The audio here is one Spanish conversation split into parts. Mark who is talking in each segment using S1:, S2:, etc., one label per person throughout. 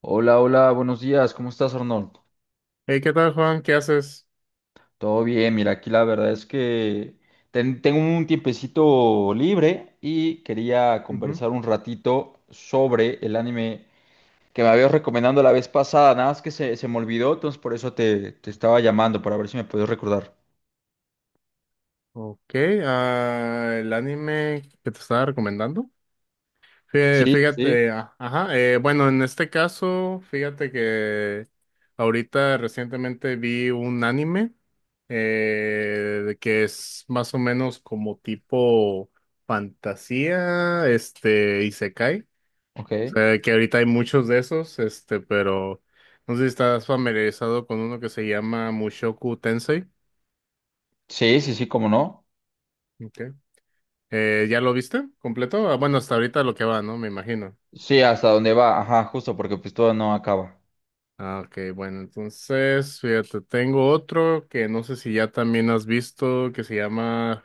S1: Hola, hola, buenos días, ¿cómo estás, Arnold?
S2: Hey, ¿qué tal, Juan? ¿Qué haces?
S1: Todo bien, mira, aquí la verdad es que tengo un tiempecito libre y quería
S2: Ujú.
S1: conversar un ratito sobre el anime que me habías recomendado la vez pasada, nada más que se me olvidó, entonces por eso te estaba llamando, para ver si me podías recordar.
S2: Ok, ah, el anime que te estaba recomendando. Fí-
S1: Sí, sí, sí.
S2: Fíjate, ah, ajá, bueno, en este caso, fíjate que ahorita recientemente vi un anime de que es más o menos como tipo fantasía, este, isekai.
S1: Ok.
S2: O sea, que ahorita hay muchos de esos, este, pero no sé si estás familiarizado con uno que se llama Mushoku Tensei.
S1: Sí, sí, sí, cómo no.
S2: Ok. ¿Ya lo viste completo? Ah, bueno, hasta ahorita lo que va, ¿no? Me imagino.
S1: Sí, hasta dónde va, ajá, justo, porque pues todo no acaba.
S2: Ah, ok, bueno, entonces, fíjate, tengo otro que no sé si ya también has visto, que se llama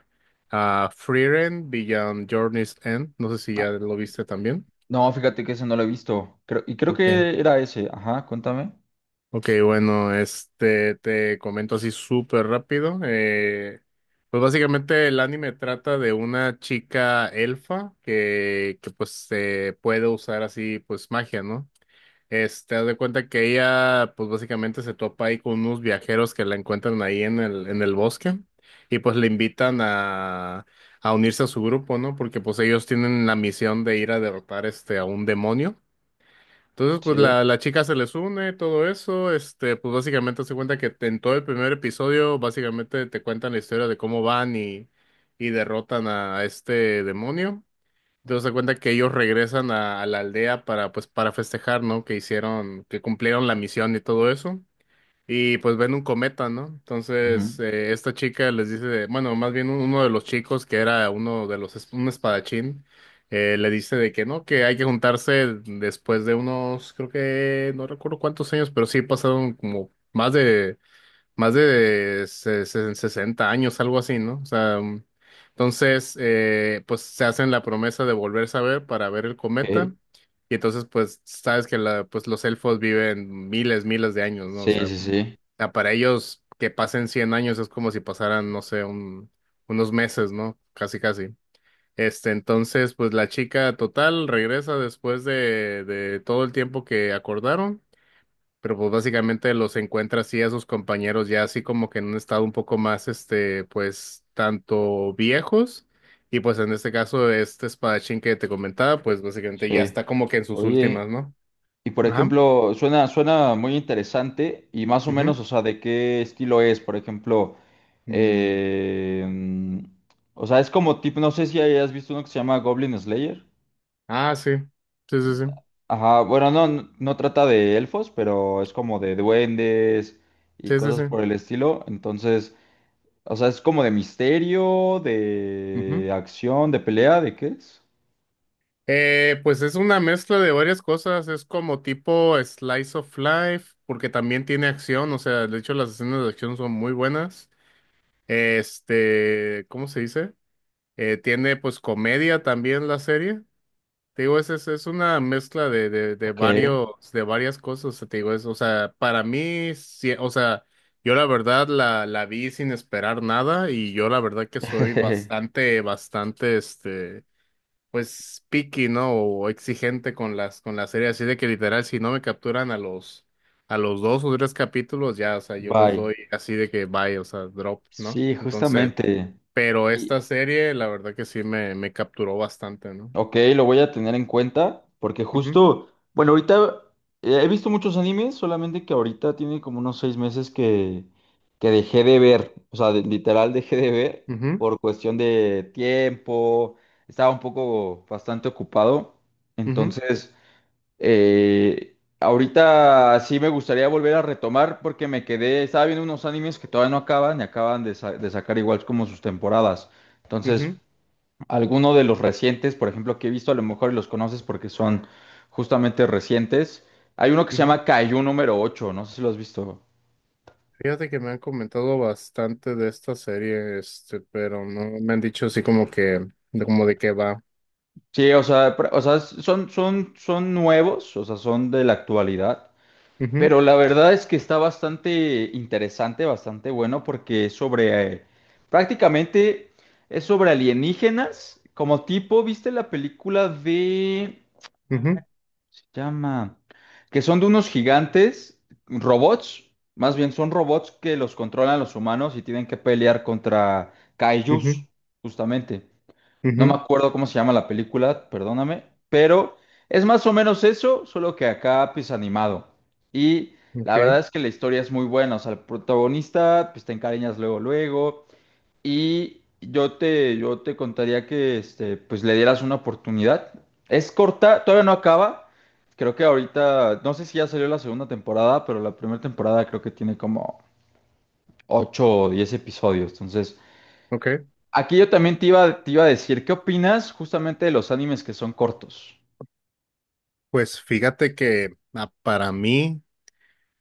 S2: ah, Frieren Beyond Journey's End. No sé si
S1: Ah,
S2: ya lo viste también.
S1: no, fíjate que ese no lo he visto, creo, y creo
S2: Ok,
S1: que era ese, ajá, cuéntame.
S2: ok, bueno, este, te comento así súper rápido. Pues básicamente el anime trata de una chica elfa que pues puede usar así pues magia, ¿no? Este, haz de cuenta que ella, pues básicamente se topa ahí con unos viajeros que la encuentran ahí en el bosque y pues le invitan a unirse a su grupo, ¿no? Porque pues ellos tienen la misión de ir a derrotar este, a un demonio. Entonces, pues
S1: Sí.
S2: la chica se les une, todo eso, este, pues básicamente se cuenta que en todo el primer episodio, básicamente te cuentan la historia de cómo y derrotan a este demonio. Te das cuenta que ellos regresan a la aldea para, pues, para festejar, ¿no? Que hicieron, que cumplieron la misión y todo eso. Y pues ven un cometa, ¿no? Entonces, esta chica les dice, bueno, más bien uno de los chicos que era uno de los, un espadachín, le dice de que no, que hay que juntarse después de unos, creo que, no recuerdo cuántos años, pero sí pasaron como más de 60 años, algo así, ¿no? O sea, entonces, pues se hacen la promesa de volverse a ver para ver el
S1: Ok.
S2: cometa. Y entonces, pues, sabes que la, pues, los elfos viven miles, miles de años, ¿no? O
S1: Sí,
S2: sea,
S1: sí,
S2: o
S1: sí,
S2: sea, para ellos que pasen 100 años es como si pasaran, no sé, unos meses, ¿no? Casi, casi. Este, entonces, pues la chica total regresa después de todo el tiempo que acordaron. Pero pues básicamente los encuentra así a sus compañeros ya así como que en un estado un poco más, este, pues tanto viejos y pues en este caso este espadachín que te comentaba, pues básicamente ya
S1: sí.
S2: está como que en sus últimas,
S1: Oye,
S2: ¿no?
S1: y por
S2: Ajá.
S1: ejemplo, suena muy interesante y más o
S2: Ujú.
S1: menos, o sea, ¿de qué estilo es? Por ejemplo,
S2: Mm.
S1: eh, mm, o sea, es como tipo, no sé si hayas visto uno que se llama Goblin Slayer.
S2: Ah, sí. Sí, sí, sí.
S1: Ajá, bueno, no, no trata de elfos, pero es como de duendes y
S2: Sí, sí,
S1: cosas
S2: sí.
S1: por el estilo. Entonces, o sea, es como de misterio,
S2: Ujú.
S1: de acción, de pelea, ¿de qué es?
S2: Pues es una mezcla de varias cosas, es como tipo slice of life, porque también tiene acción, o sea, de hecho las escenas de acción son muy buenas. Este, ¿cómo se dice? Tiene pues comedia también la serie. Te digo, es una mezcla de
S1: Ok.
S2: varios, de varias cosas, te digo, es, o sea, para mí, sí, o sea, yo la verdad la vi sin esperar nada y yo la verdad que soy bastante, este, pues, picky, ¿no? O exigente con las, con la serie, así de que literal, si no me capturan a a los dos o tres capítulos, ya, o sea, yo les
S1: Bye.
S2: doy así de que bye, o sea, drop, ¿no?
S1: Sí,
S2: Entonces...
S1: justamente.
S2: Pero esta
S1: Y
S2: serie, la verdad que sí me capturó bastante, ¿no?
S1: ok, lo voy a tener en cuenta porque
S2: Ujú,
S1: justo, bueno, ahorita he visto muchos animes, solamente que ahorita tiene como unos 6 meses que dejé de ver, o sea, literal dejé de ver
S2: ujú,
S1: por cuestión de tiempo, estaba un poco bastante ocupado,
S2: ujú,
S1: entonces, ahorita sí me gustaría volver a retomar porque me quedé, estaba viendo unos animes que todavía no acaban y acaban de, de sacar igual como sus temporadas, entonces.
S2: ujú,
S1: Alguno de los recientes, por ejemplo, que he visto, a lo mejor los conoces porque son justamente recientes. Hay uno que se
S2: ujú.
S1: llama Kaiju número 8, no sé si lo has visto.
S2: Fíjate que me han comentado bastante de esta serie, este, pero no me han dicho así como que, de como de qué va.
S1: Sí, o sea, o sea, son nuevos, o sea, son de la actualidad.
S2: Ujú,
S1: Pero la verdad es que está bastante interesante, bastante bueno, porque es sobre, prácticamente es sobre alienígenas, como tipo, ¿viste la película de…
S2: ujú,
S1: Se llama. Que son de unos gigantes, robots. Más bien son robots que los controlan los humanos y tienen que pelear contra kaijus, justamente. No me
S2: ujú,
S1: acuerdo cómo se llama la película, perdóname. Pero es más o menos eso, solo que acá pues animado. Y
S2: ujú.
S1: la
S2: Ok,
S1: verdad es que la historia es muy buena. O sea, el protagonista pues te encariñas luego, luego. Y yo te contaría que este, pues le dieras una oportunidad. Es corta, todavía no acaba. Creo que ahorita, no sé si ya salió la segunda temporada, pero la primera temporada creo que tiene como 8 o 10 episodios. Entonces,
S2: ok.
S1: aquí yo también te iba a decir, ¿qué opinas justamente de los animes que son cortos?
S2: Pues fíjate que ah, para mí,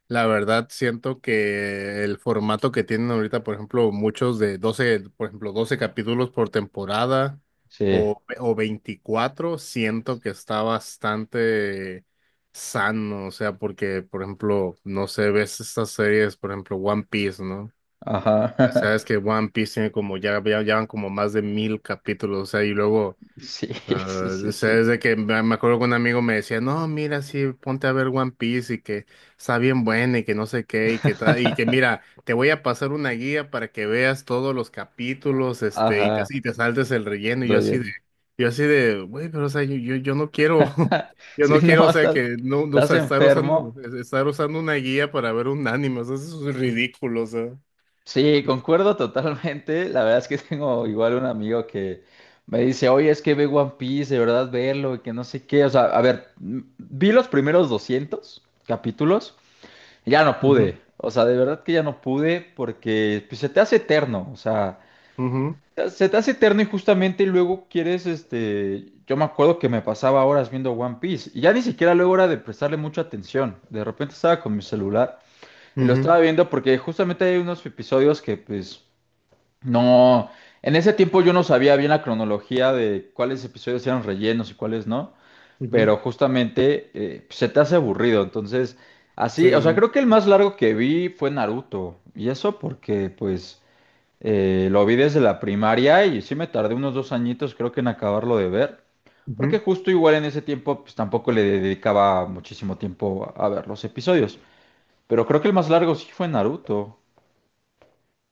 S2: la verdad, siento que el formato que tienen ahorita, por ejemplo, muchos de 12 por ejemplo, 12 capítulos por temporada
S1: Sí,
S2: o 24 siento que está bastante sano, o sea, porque, por ejemplo, no sé, ves estas series, por ejemplo, One Piece, ¿no?
S1: ajá.
S2: Sabes que One Piece tiene como, ya van como más de 1000 capítulos, o sea, y luego
S1: Sí,
S2: sea,
S1: sí, sí,
S2: o sea,
S1: sí.
S2: es de que me acuerdo que un amigo me decía, no, mira, sí, ponte a ver One Piece y que está bien buena y que no sé qué y que tal, y que mira, te voy a pasar una guía para que veas todos los capítulos, este,
S1: Ajá,
S2: y te saltes el relleno. Y
S1: relleno.
S2: yo así de, güey, pero o sea, yo no quiero, yo
S1: Sí,
S2: no quiero, o
S1: no,
S2: sea,
S1: estás,
S2: que no, o
S1: estás
S2: sea,
S1: enfermo.
S2: estar usando una guía para ver un anime, o sea, eso es ridículo, o sea.
S1: Sí, concuerdo totalmente. La verdad es que tengo igual un amigo que me dice, oye, es que ve One Piece, de verdad verlo, y que no sé qué. O sea, a ver, vi los primeros 200 capítulos, y ya no
S2: Ujú,
S1: pude. O sea, de verdad que ya no pude porque pues, se te hace eterno. O sea,
S2: ujú,
S1: se te hace eterno y justamente luego quieres, este, yo me acuerdo que me pasaba horas viendo One Piece y ya ni siquiera luego era de prestarle mucha atención. De repente estaba con mi celular y lo
S2: ujú,
S1: estaba viendo porque justamente hay unos episodios que pues… No, en ese tiempo yo no sabía bien la cronología de cuáles episodios eran rellenos y cuáles no,
S2: ujú.
S1: pero justamente pues, se te hace aburrido, entonces
S2: Sí,
S1: así, o sea, creo que el más largo que vi fue Naruto, y eso porque pues lo vi desde la primaria y sí me tardé unos 2 añitos creo que en acabarlo de ver,
S2: sí.
S1: porque justo igual en ese tiempo pues tampoco le dedicaba muchísimo tiempo a ver los episodios, pero creo que el más largo sí fue Naruto,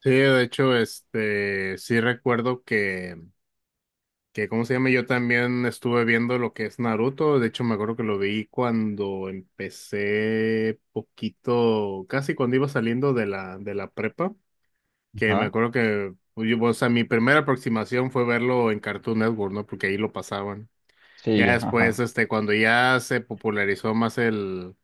S2: Sí, de hecho, este, sí recuerdo que, ¿cómo se llama? Yo también estuve viendo lo que es Naruto. De hecho, me acuerdo que lo vi cuando empecé poquito, casi cuando iba saliendo de de la prepa, que me
S1: ajá,
S2: acuerdo que, pues, o sea, mi primera aproximación fue verlo en Cartoon Network, ¿no? Porque ahí lo pasaban.
S1: sí,
S2: Ya después,
S1: ajá,
S2: este, cuando ya se popularizó más el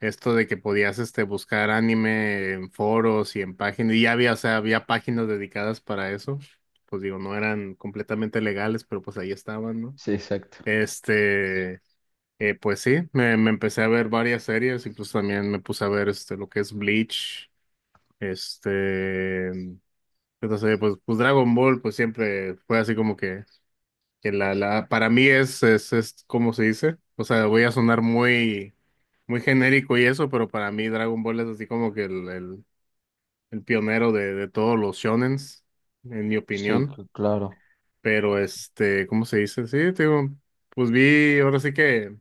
S2: esto de que podías este buscar anime en foros y en páginas, y ya había, o sea, había páginas dedicadas para eso. Pues digo, no eran completamente legales, pero pues ahí estaban, ¿no?
S1: sí, exacto.
S2: Este, pues sí, me empecé a ver varias series, incluso también me puse a ver este lo que es Bleach, este, entonces, pues Dragon Ball, pues siempre fue así como que para mí es, ¿cómo se dice? O sea, voy a sonar muy genérico y eso, pero para mí Dragon Ball es así como que el pionero de todos los shonens, en mi
S1: Sí,
S2: opinión.
S1: claro.
S2: Pero este, ¿cómo se dice? Sí, te digo, pues vi, ahora sí que.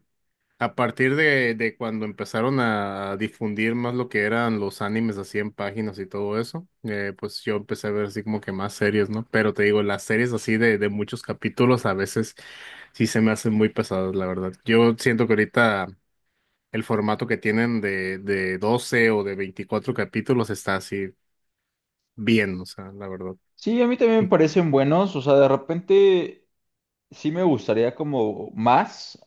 S2: A partir de cuando empezaron a difundir más lo que eran los animes así en páginas y todo eso, pues yo empecé a ver así como que más series, ¿no? Pero te digo, las series así de muchos capítulos a veces sí se me hacen muy pesadas, la verdad. Yo siento que ahorita el formato que tienen de 12 o de 24 capítulos está así bien, o sea, la verdad.
S1: Sí, a mí también me parecen buenos, o sea, de repente sí me gustaría como más,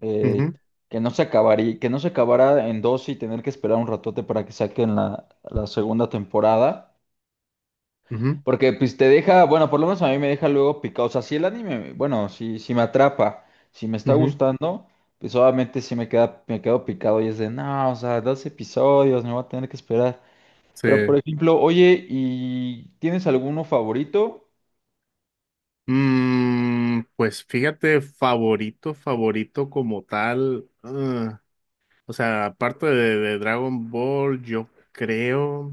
S1: eh,
S2: Ujú,
S1: que no se acabaría, que no se acabara en dos y tener que esperar un ratote para que saquen la, la segunda temporada,
S2: ujú,
S1: porque pues te deja, bueno, por lo menos a mí me deja luego picado, o sea, si el anime, bueno, si, si me atrapa, si me está
S2: ujú.
S1: gustando, pues obviamente sí me queda, me quedo picado y es de, no, o sea, 2 episodios, me voy a tener que esperar.
S2: Sí.
S1: Pero, por ejemplo, oye, ¿y tienes alguno favorito?
S2: Mm, pues fíjate, favorito, favorito como tal. Ah, o sea, aparte de Dragon Ball, yo creo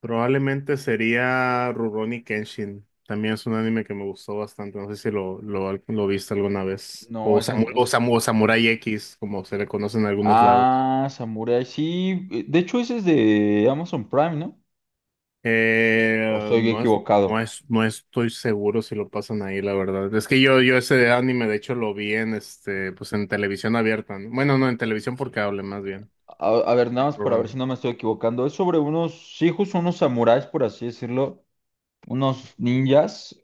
S2: probablemente sería Rurouni Kenshin. También es un anime que me gustó bastante. No sé si lo viste alguna vez.
S1: No,
S2: O,
S1: es
S2: Samu-
S1: en…
S2: o, Samu- o Samurai X, como se le conoce en algunos lados.
S1: Ah, Samurai, sí. De hecho, ese es de Amazon Prime, ¿no? ¿O
S2: Eh,
S1: estoy
S2: no es, no
S1: equivocado?
S2: es, no estoy seguro si lo pasan ahí, la verdad. Es que yo ese anime, de hecho, lo vi en este, pues en televisión abierta, ¿no? Bueno, no, en televisión por cable, más bien.
S1: A ver,
S2: Que
S1: nada más
S2: por
S1: para ver si
S2: running.
S1: no me estoy equivocando. Es sobre unos hijos, unos samuráis, por así decirlo. Unos ninjas.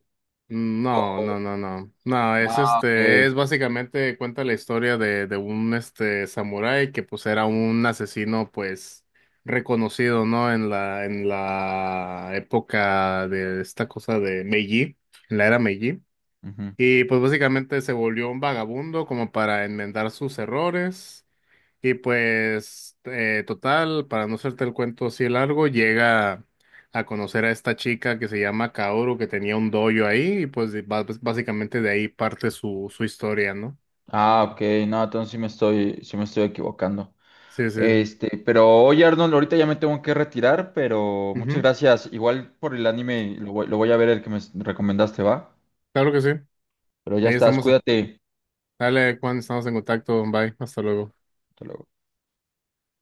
S2: Mm, no, no, no, no. No, es
S1: Ah, ok.
S2: este, es básicamente cuenta la historia de un este samurái que pues era un asesino, pues, reconocido, ¿no? En en la época de esta cosa de Meiji, en la era Meiji.
S1: Ujú.
S2: Y pues básicamente se volvió un vagabundo como para enmendar sus errores. Y pues total, para no hacerte el cuento así de largo, llega a conocer a esta chica que se llama Kaoru, que tenía un dojo ahí, y pues básicamente de ahí parte su historia, ¿no?
S1: Ah, ok. No, entonces sí me estoy equivocando.
S2: Sí, sí.
S1: Este, pero oye, Arnold, ahorita ya me tengo que retirar, pero muchas
S2: Ujú.
S1: gracias. Igual por el anime, lo voy a ver el que me recomendaste, ¿va?
S2: Claro que sí.
S1: Pero ya
S2: Ahí
S1: estás,
S2: estamos.
S1: cuídate.
S2: Dale, Juan, estamos en contacto. Bye. Hasta luego.
S1: Hasta luego.